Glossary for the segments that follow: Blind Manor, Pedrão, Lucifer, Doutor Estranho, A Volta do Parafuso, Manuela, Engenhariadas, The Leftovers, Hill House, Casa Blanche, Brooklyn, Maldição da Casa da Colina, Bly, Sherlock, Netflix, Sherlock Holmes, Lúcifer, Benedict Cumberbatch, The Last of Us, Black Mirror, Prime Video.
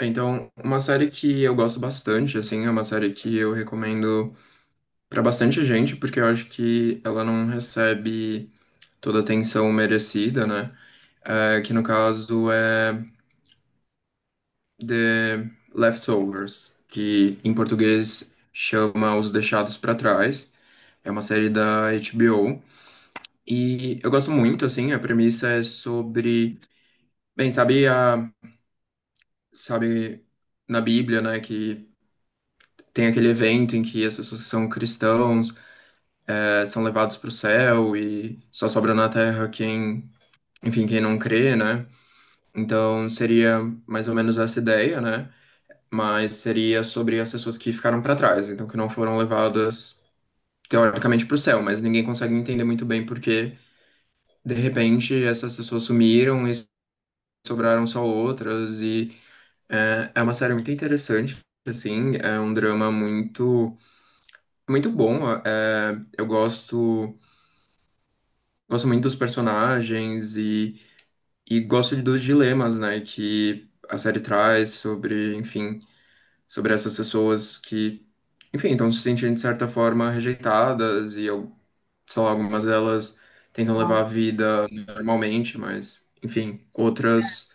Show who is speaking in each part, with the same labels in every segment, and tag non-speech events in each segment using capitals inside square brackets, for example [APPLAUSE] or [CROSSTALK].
Speaker 1: Então, uma série que eu gosto bastante, assim, é uma série que eu recomendo pra bastante gente, porque eu acho que ela não recebe toda a atenção merecida, né? É, que no caso é The Leftovers, que em português chama Os Deixados pra Trás. É uma série da HBO e eu gosto muito, assim, a premissa é sobre, bem, sabe na Bíblia, né, que tem aquele evento em que as pessoas que são cristãos são levados para o céu e só sobra na terra quem, enfim, quem não crê, né? Então seria mais ou menos essa ideia, né? Mas seria sobre as pessoas que ficaram para trás, então que não foram levadas teoricamente para o céu, mas ninguém consegue entender muito bem porque de repente essas pessoas sumiram e sobraram só outras e é uma série muito interessante, assim, é um drama muito bom. eh, eu gosto muito dos personagens e gosto dos dilemas, né, que a série traz sobre, enfim, sobre essas pessoas que, enfim, estão se sentindo de certa forma rejeitadas e, eu, sei lá, algumas delas tentam levar
Speaker 2: Ó.
Speaker 1: a vida normalmente, mas, enfim, outras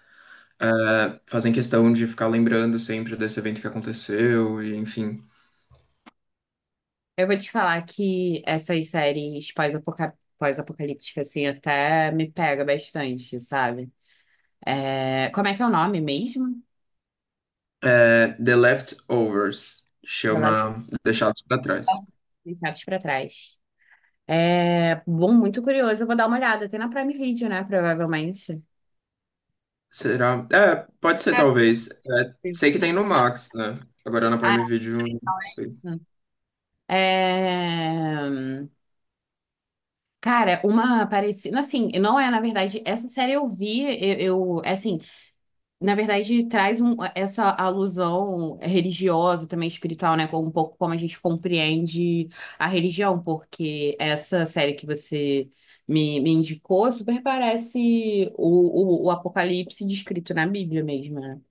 Speaker 1: fazem questão de ficar lembrando sempre desse evento que aconteceu e, enfim.
Speaker 2: Eu vou te falar que essas séries pós-apocalípticas, assim, até me pega bastante, sabe? É, como é que é o nome mesmo?
Speaker 1: Eh, The Leftovers
Speaker 2: The Last
Speaker 1: chama Deixados para Trás.
Speaker 2: of Us, Deixados pra trás. É bom, muito curioso. Eu vou dar uma olhada. Tem na Prime Video, né? Provavelmente.
Speaker 1: Será? É, pode ser,
Speaker 2: É
Speaker 1: talvez. É,
Speaker 2: possível,
Speaker 1: sei que tem
Speaker 2: né?
Speaker 1: no Max, né? Agora na
Speaker 2: Ah,
Speaker 1: Prime Video, não
Speaker 2: é
Speaker 1: sei.
Speaker 2: isso. É, cara, uma parecida. Assim, não é, na verdade, essa série eu vi, eu, eu é assim, na verdade, traz essa alusão religiosa, também espiritual, né? Um pouco como a gente compreende a religião, porque essa série que você me indicou super parece o Apocalipse descrito na Bíblia mesmo, né?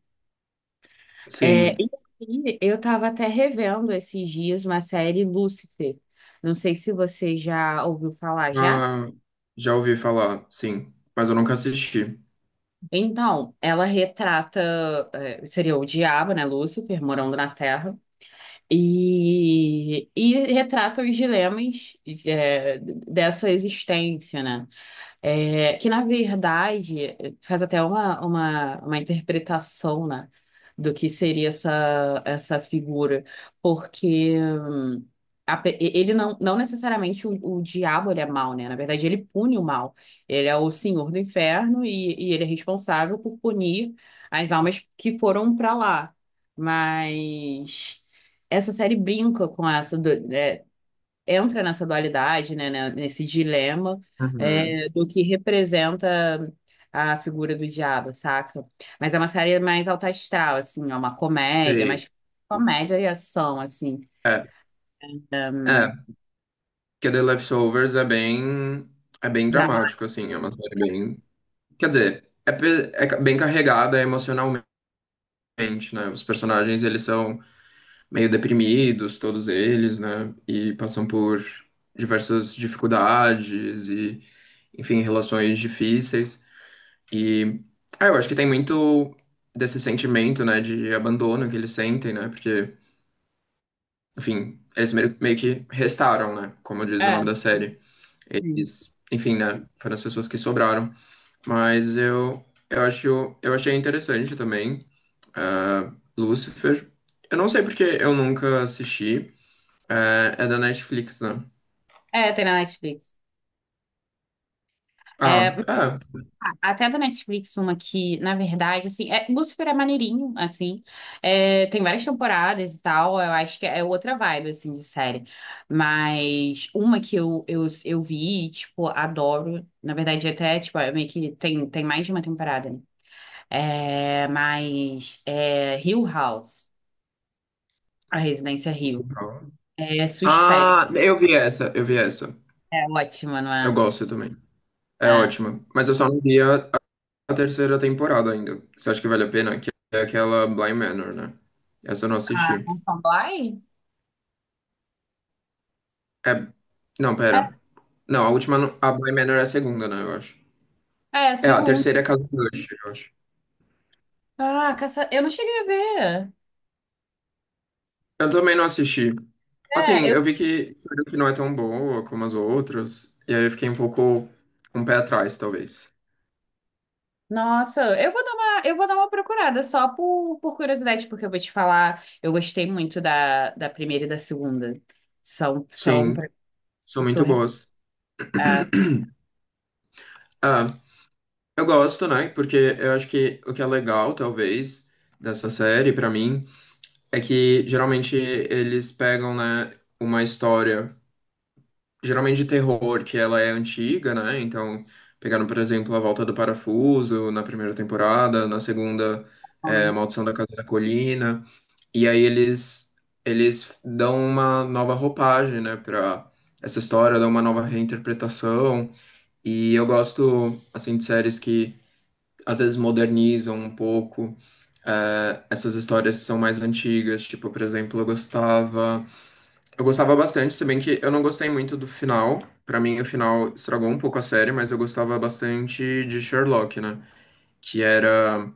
Speaker 2: É,
Speaker 1: Sim.
Speaker 2: e aí, eu estava até revendo esses dias uma série Lúcifer. Não sei se você já ouviu falar já.
Speaker 1: Ah, já ouvi falar, sim. Mas eu nunca assisti.
Speaker 2: Então, ela retrata, seria o diabo, né? Lúcifer, morando na Terra. E retrata os dilemas dessa existência, né? É, que na verdade faz até uma interpretação, né, do que seria essa figura, porque ele não necessariamente o diabo ele é mau, né? Na verdade, ele pune o mal. Ele é o senhor do inferno e ele é responsável por punir as almas que foram para lá. Mas essa série brinca com essa, entra nessa dualidade, né, nesse dilema
Speaker 1: Uhum.
Speaker 2: do que representa a figura do diabo, saca? Mas é uma série mais alta astral, assim, é uma comédia,
Speaker 1: Sei.
Speaker 2: mais comédia e ação, assim,
Speaker 1: É, é. Que The Leftovers é bem... É bem
Speaker 2: drama.
Speaker 1: dramático, assim. É uma série bem... Quer dizer, é, bem carregada emocionalmente, né? Os personagens, eles são... meio deprimidos, todos eles, né? E passam por diversas dificuldades e, enfim, relações difíceis. E ah, eu acho que tem muito desse sentimento, né, de abandono que eles sentem, né? Porque, enfim, eles meio que restaram, né? Como diz o
Speaker 2: É,
Speaker 1: nome da série.
Speaker 2: sim.
Speaker 1: Eles, enfim, né? Foram as pessoas que sobraram. Mas eu acho, eu achei interessante também. Ah, Lucifer. Eu não sei porque eu nunca assisti, é, é da Netflix, né?
Speaker 2: É, tem na Netflix. É,
Speaker 1: Ah, é.
Speaker 2: Ah, até da Netflix, uma que, na verdade, assim, é, Lucifer é maneirinho, assim, é, tem várias temporadas e tal, eu acho que é outra vibe, assim, de série, mas uma que eu, eu vi, e, tipo, adoro, na verdade, até, tipo, é meio que tem, tem mais de uma temporada, né, é, mas é Hill House, a Residência Hill, é suspeita,
Speaker 1: Ah, eu vi essa.
Speaker 2: é ótima, não
Speaker 1: Eu
Speaker 2: é?
Speaker 1: gosto também. É
Speaker 2: É.
Speaker 1: ótima. Mas eu só não vi a terceira temporada ainda. Você acha que vale a pena? Que é aquela Blind Manor, né? Essa eu não
Speaker 2: Ah,
Speaker 1: assisti.
Speaker 2: não são Bly?
Speaker 1: É. Não, pera. Não, a última. A Blind Manor é a segunda, né? Eu acho.
Speaker 2: É, é,
Speaker 1: É, a
Speaker 2: segundo.
Speaker 1: terceira é Casa Blanche, eu acho.
Speaker 2: Ah, caça... eu não cheguei a ver.
Speaker 1: Eu também não assisti.
Speaker 2: É,
Speaker 1: Assim,
Speaker 2: eu...
Speaker 1: eu vi que não é tão boa como as outras, e aí eu fiquei um pouco com o pé atrás, talvez.
Speaker 2: Nossa, eu vou dar uma procurada só por curiosidade, porque eu vou te falar, eu gostei muito da, da primeira e da segunda. São, são pra-
Speaker 1: Sim, são muito
Speaker 2: surreal.
Speaker 1: boas.
Speaker 2: ah,
Speaker 1: [CLEARS THROAT] Ah, eu gosto, né? Porque eu acho que o que é legal, talvez, dessa série, pra mim, é que geralmente eles pegam, né, uma história, geralmente de terror, que ela é antiga, né? Então, pegaram, por exemplo, A Volta do Parafuso na primeira temporada, na segunda, é, Maldição da Casa da Colina. E aí eles dão uma nova roupagem, né, para essa história, dão uma nova reinterpretação. E eu gosto assim de séries que às vezes modernizam um pouco. Essas histórias que são mais antigas, tipo, por exemplo, eu gostava bastante, se bem que eu não gostei muito do final. Pra mim, o final estragou um pouco a série, mas eu gostava bastante de Sherlock, né? Que era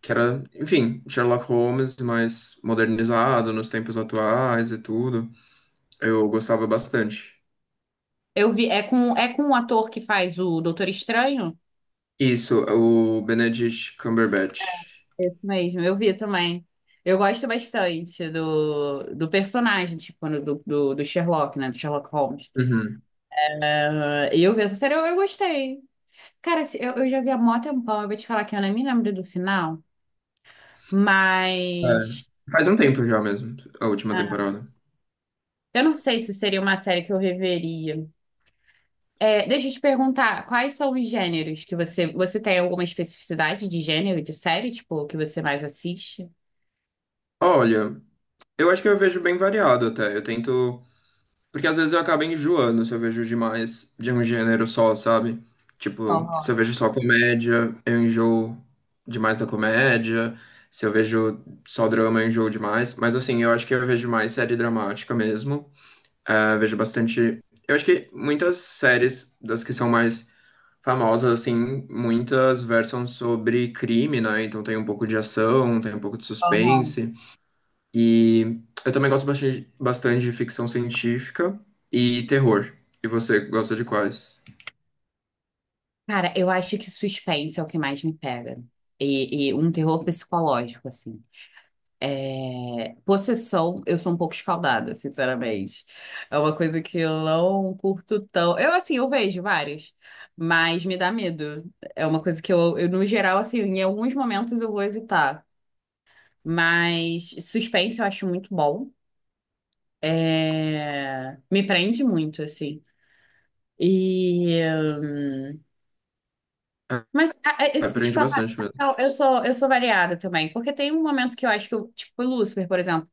Speaker 1: que era, enfim, Sherlock Holmes, mas modernizado nos tempos atuais e tudo. Eu gostava bastante.
Speaker 2: Eu vi, é com o ator que faz o Doutor Estranho?
Speaker 1: Isso, o Benedict Cumberbatch.
Speaker 2: Esse mesmo, eu vi também. Eu gosto bastante do, do personagem, tipo, do Sherlock, né? Do Sherlock Holmes.
Speaker 1: Uhum.
Speaker 2: Ah, e eu vi essa série, eu gostei. Cara, eu já vi há mó tempão, eu vou te falar que eu nem me lembro do final, mas.
Speaker 1: É. Faz um tempo já mesmo, a última
Speaker 2: Ah,
Speaker 1: temporada.
Speaker 2: eu não sei se seria uma série que eu reveria. É, deixa eu te perguntar, quais são os gêneros que você... Você tem alguma especificidade de gênero de série, tipo, que você mais assiste?
Speaker 1: Olha, eu acho que eu vejo bem variado até. Eu tento. Porque às vezes eu acabo enjoando se eu vejo demais de um gênero só, sabe? Tipo, se
Speaker 2: Aham,
Speaker 1: eu vejo só comédia, eu enjoo demais da comédia. Se eu vejo só drama, eu enjoo demais. Mas assim, eu acho que eu vejo mais série dramática mesmo. Eh, vejo bastante. Eu acho que muitas séries das que são mais famosas, assim, muitas versam sobre crime, né? Então tem um pouco de ação, tem um pouco de
Speaker 2: aham.
Speaker 1: suspense. E eu também gosto bastante, bastante de ficção científica e terror. E você gosta de quais?
Speaker 2: Cara, eu acho que suspense é o que mais me pega. E um terror psicológico, assim. É, possessão, eu sou um pouco escaldada, sinceramente. É uma coisa que eu não curto tão. Eu, assim, eu vejo vários, mas me dá medo. É uma coisa que eu, no geral, assim, em alguns momentos eu vou evitar. Mas suspense eu acho muito bom. É, me prende muito, assim. E. hum,
Speaker 1: Ah,
Speaker 2: Mas, eu, se te
Speaker 1: aprende
Speaker 2: falar,
Speaker 1: bastante mesmo.
Speaker 2: eu sou variada também, porque tem um momento que eu acho que eu, tipo, Lucifer, por exemplo.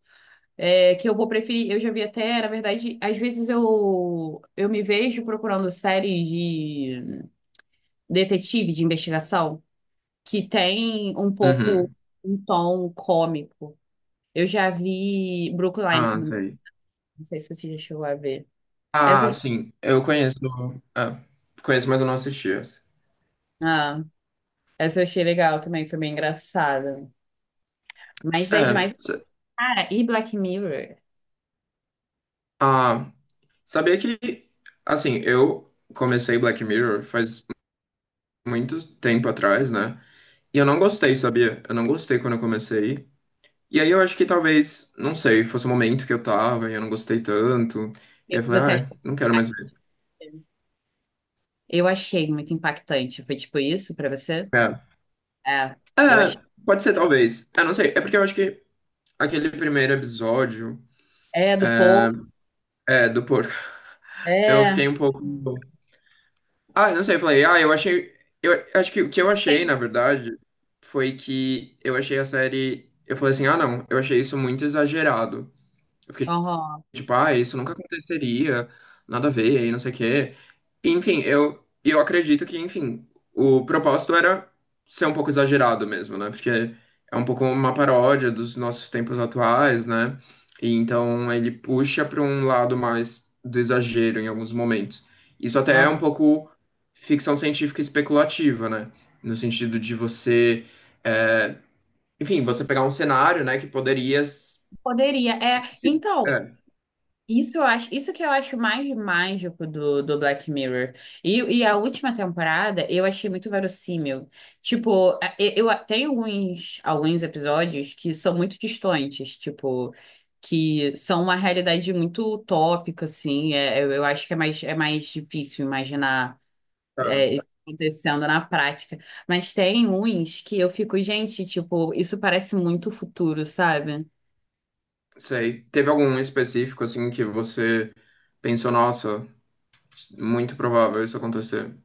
Speaker 2: É, que eu vou preferir, eu já vi até, na verdade, às vezes eu me vejo procurando séries de detetive, de investigação, que tem um pouco
Speaker 1: Uhum.
Speaker 2: um tom cômico. Eu já vi Brooklyn,
Speaker 1: Ah, sei.
Speaker 2: não sei se você já chegou a ver. Essa,
Speaker 1: Ah,
Speaker 2: eu-
Speaker 1: sim. Eu conheço. Ah, conheço, mas eu não assisti essa.
Speaker 2: ah, essa eu achei legal também, foi bem engraçada. Mas das
Speaker 1: É.
Speaker 2: demais, cara, e Black Mirror?
Speaker 1: Ah, sabia que, assim, eu comecei Black Mirror faz muito tempo atrás, né? E eu não gostei, sabia? Eu não gostei quando eu comecei. E aí eu acho que talvez, não sei, fosse o momento que eu tava e eu não gostei tanto. E aí eu falei,
Speaker 2: Você
Speaker 1: ah,
Speaker 2: achou
Speaker 1: não quero mais ver.
Speaker 2: impactante? Eu achei muito impactante. Foi tipo isso pra você?
Speaker 1: É.
Speaker 2: É, eu achei.
Speaker 1: É, pode ser talvez. Ah, não sei. É porque eu acho que aquele primeiro episódio,
Speaker 2: É, do povo.
Speaker 1: é, do porco, eu
Speaker 2: É,
Speaker 1: fiquei um pouco. Ah, não sei, eu falei, ah, eu achei. Eu acho que o que eu achei, na verdade, foi que eu achei a série. Eu falei assim, ah, não, eu achei isso muito exagerado. Eu fiquei
Speaker 2: aham,
Speaker 1: tipo, ah, isso nunca aconteceria, nada a ver, e não sei o quê. Enfim, eu acredito que, enfim, o propósito era ser um pouco exagerado mesmo, né? Porque é um pouco uma paródia dos nossos tempos atuais, né? E então ele puxa para um lado mais do exagero em alguns momentos. Isso até é um
Speaker 2: aham.
Speaker 1: pouco ficção científica especulativa, né? No sentido de você, é, enfim, você pegar um cenário, né, que poderia
Speaker 2: Poderia. É,
Speaker 1: se-
Speaker 2: então,
Speaker 1: é,
Speaker 2: isso que eu acho mais mágico do, do Black Mirror. E a última temporada eu achei muito verossímil. Tipo, eu, tem alguns, alguns episódios que são muito distantes, tipo, que são uma realidade muito utópica, assim. Eu acho que é mais difícil imaginar.
Speaker 1: tá.
Speaker 2: É, isso acontecendo na prática. Mas tem uns que eu fico, gente, tipo, isso parece muito futuro, sabe?
Speaker 1: Sei. Teve algum específico, assim, que você pensou, nossa, muito provável isso acontecer?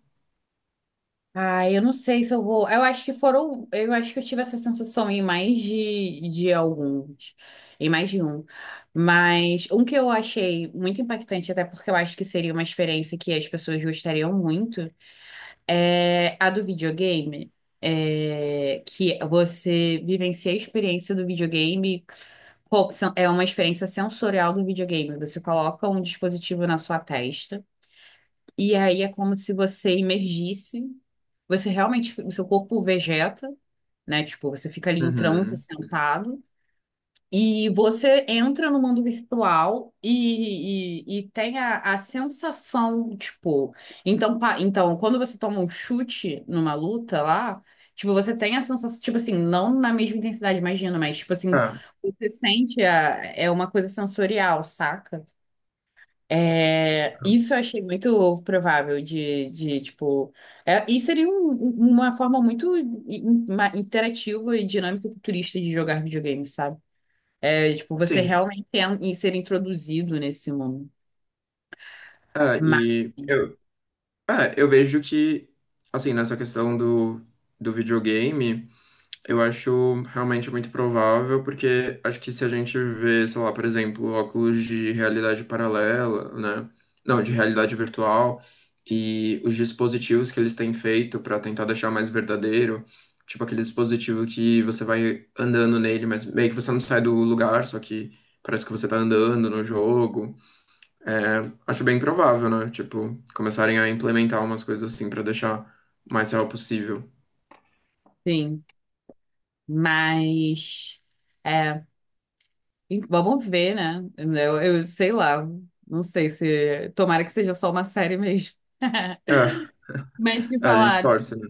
Speaker 2: Ah, eu não sei se eu vou. Eu acho que foram. Eu acho que eu tive essa sensação em mais de alguns, em mais de um. Mas um que eu achei muito impactante, até porque eu acho que seria uma experiência que as pessoas gostariam muito, é a do videogame, é, que você vivencia a experiência do videogame, pô, é uma experiência sensorial do videogame. Você coloca um dispositivo na sua testa, e aí é como se você imergisse, você realmente, o seu corpo vegeta, né? Tipo, você fica ali em transe
Speaker 1: Uhum.
Speaker 2: sentado. E você entra no mundo virtual e tem a sensação, tipo. Então, então, quando você toma um chute numa luta lá, tipo, você tem a sensação, tipo assim, não na mesma intensidade, imagina, mas, tipo assim,
Speaker 1: Ah,
Speaker 2: você sente a, é uma coisa sensorial, saca? É, isso eu achei muito provável de tipo. É, e seria uma forma muito interativa e dinâmica e futurista de jogar videogame, sabe? É, tipo, você
Speaker 1: sim.
Speaker 2: realmente em ser introduzido nesse mundo.
Speaker 1: Ah,
Speaker 2: Mas,
Speaker 1: e eu, ah, eu vejo que, assim, nessa questão do, do videogame. Eu acho realmente muito provável, porque acho que se a gente vê, sei lá, por exemplo, óculos de realidade paralela, né? Não, de realidade virtual, e os dispositivos que eles têm feito para tentar deixar mais verdadeiro, tipo aquele dispositivo que você vai andando nele, mas meio que você não sai do lugar, só que parece que você tá andando no jogo. É, acho bem provável, né? Tipo, começarem a implementar umas coisas assim para deixar o mais real possível.
Speaker 2: sim, mas é, e vamos ver, né? Eu sei lá, não sei se tomara que seja só uma série mesmo. [LAUGHS]
Speaker 1: É,
Speaker 2: Mas te
Speaker 1: a gente
Speaker 2: falar,
Speaker 1: torce, né?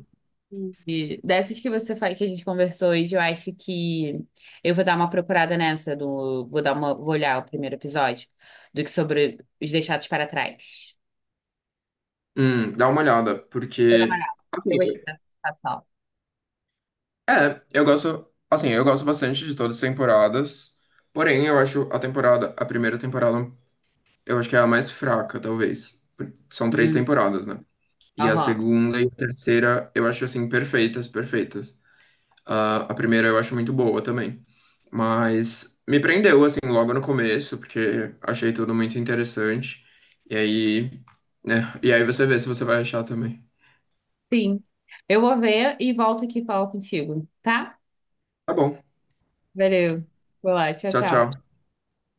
Speaker 2: dessas que você faz, que a gente conversou hoje, eu acho que eu vou dar uma procurada nessa do, vou olhar o primeiro episódio do que sobre os deixados para trás.
Speaker 1: Dá uma olhada,
Speaker 2: Vou dar uma
Speaker 1: porque
Speaker 2: olhada. Eu
Speaker 1: assim,
Speaker 2: gostei dessa sensação.
Speaker 1: é, eu gosto, assim, eu gosto bastante de todas as temporadas. Porém, eu acho a temporada, a primeira temporada, eu acho que é a mais fraca, talvez. São três
Speaker 2: Hum,
Speaker 1: temporadas, né? E a
Speaker 2: aham.
Speaker 1: segunda e a terceira, eu acho assim perfeitas, perfeitas. Ah, a primeira eu acho muito boa também. Mas me prendeu assim logo no começo, porque achei tudo muito interessante. E aí, né? E aí você vê se você vai achar também.
Speaker 2: Sim. Eu vou ver e volto aqui falar contigo, tá?
Speaker 1: Tá bom.
Speaker 2: Valeu. Vou lá. Tchau,
Speaker 1: Tchau,
Speaker 2: tchau.
Speaker 1: tchau.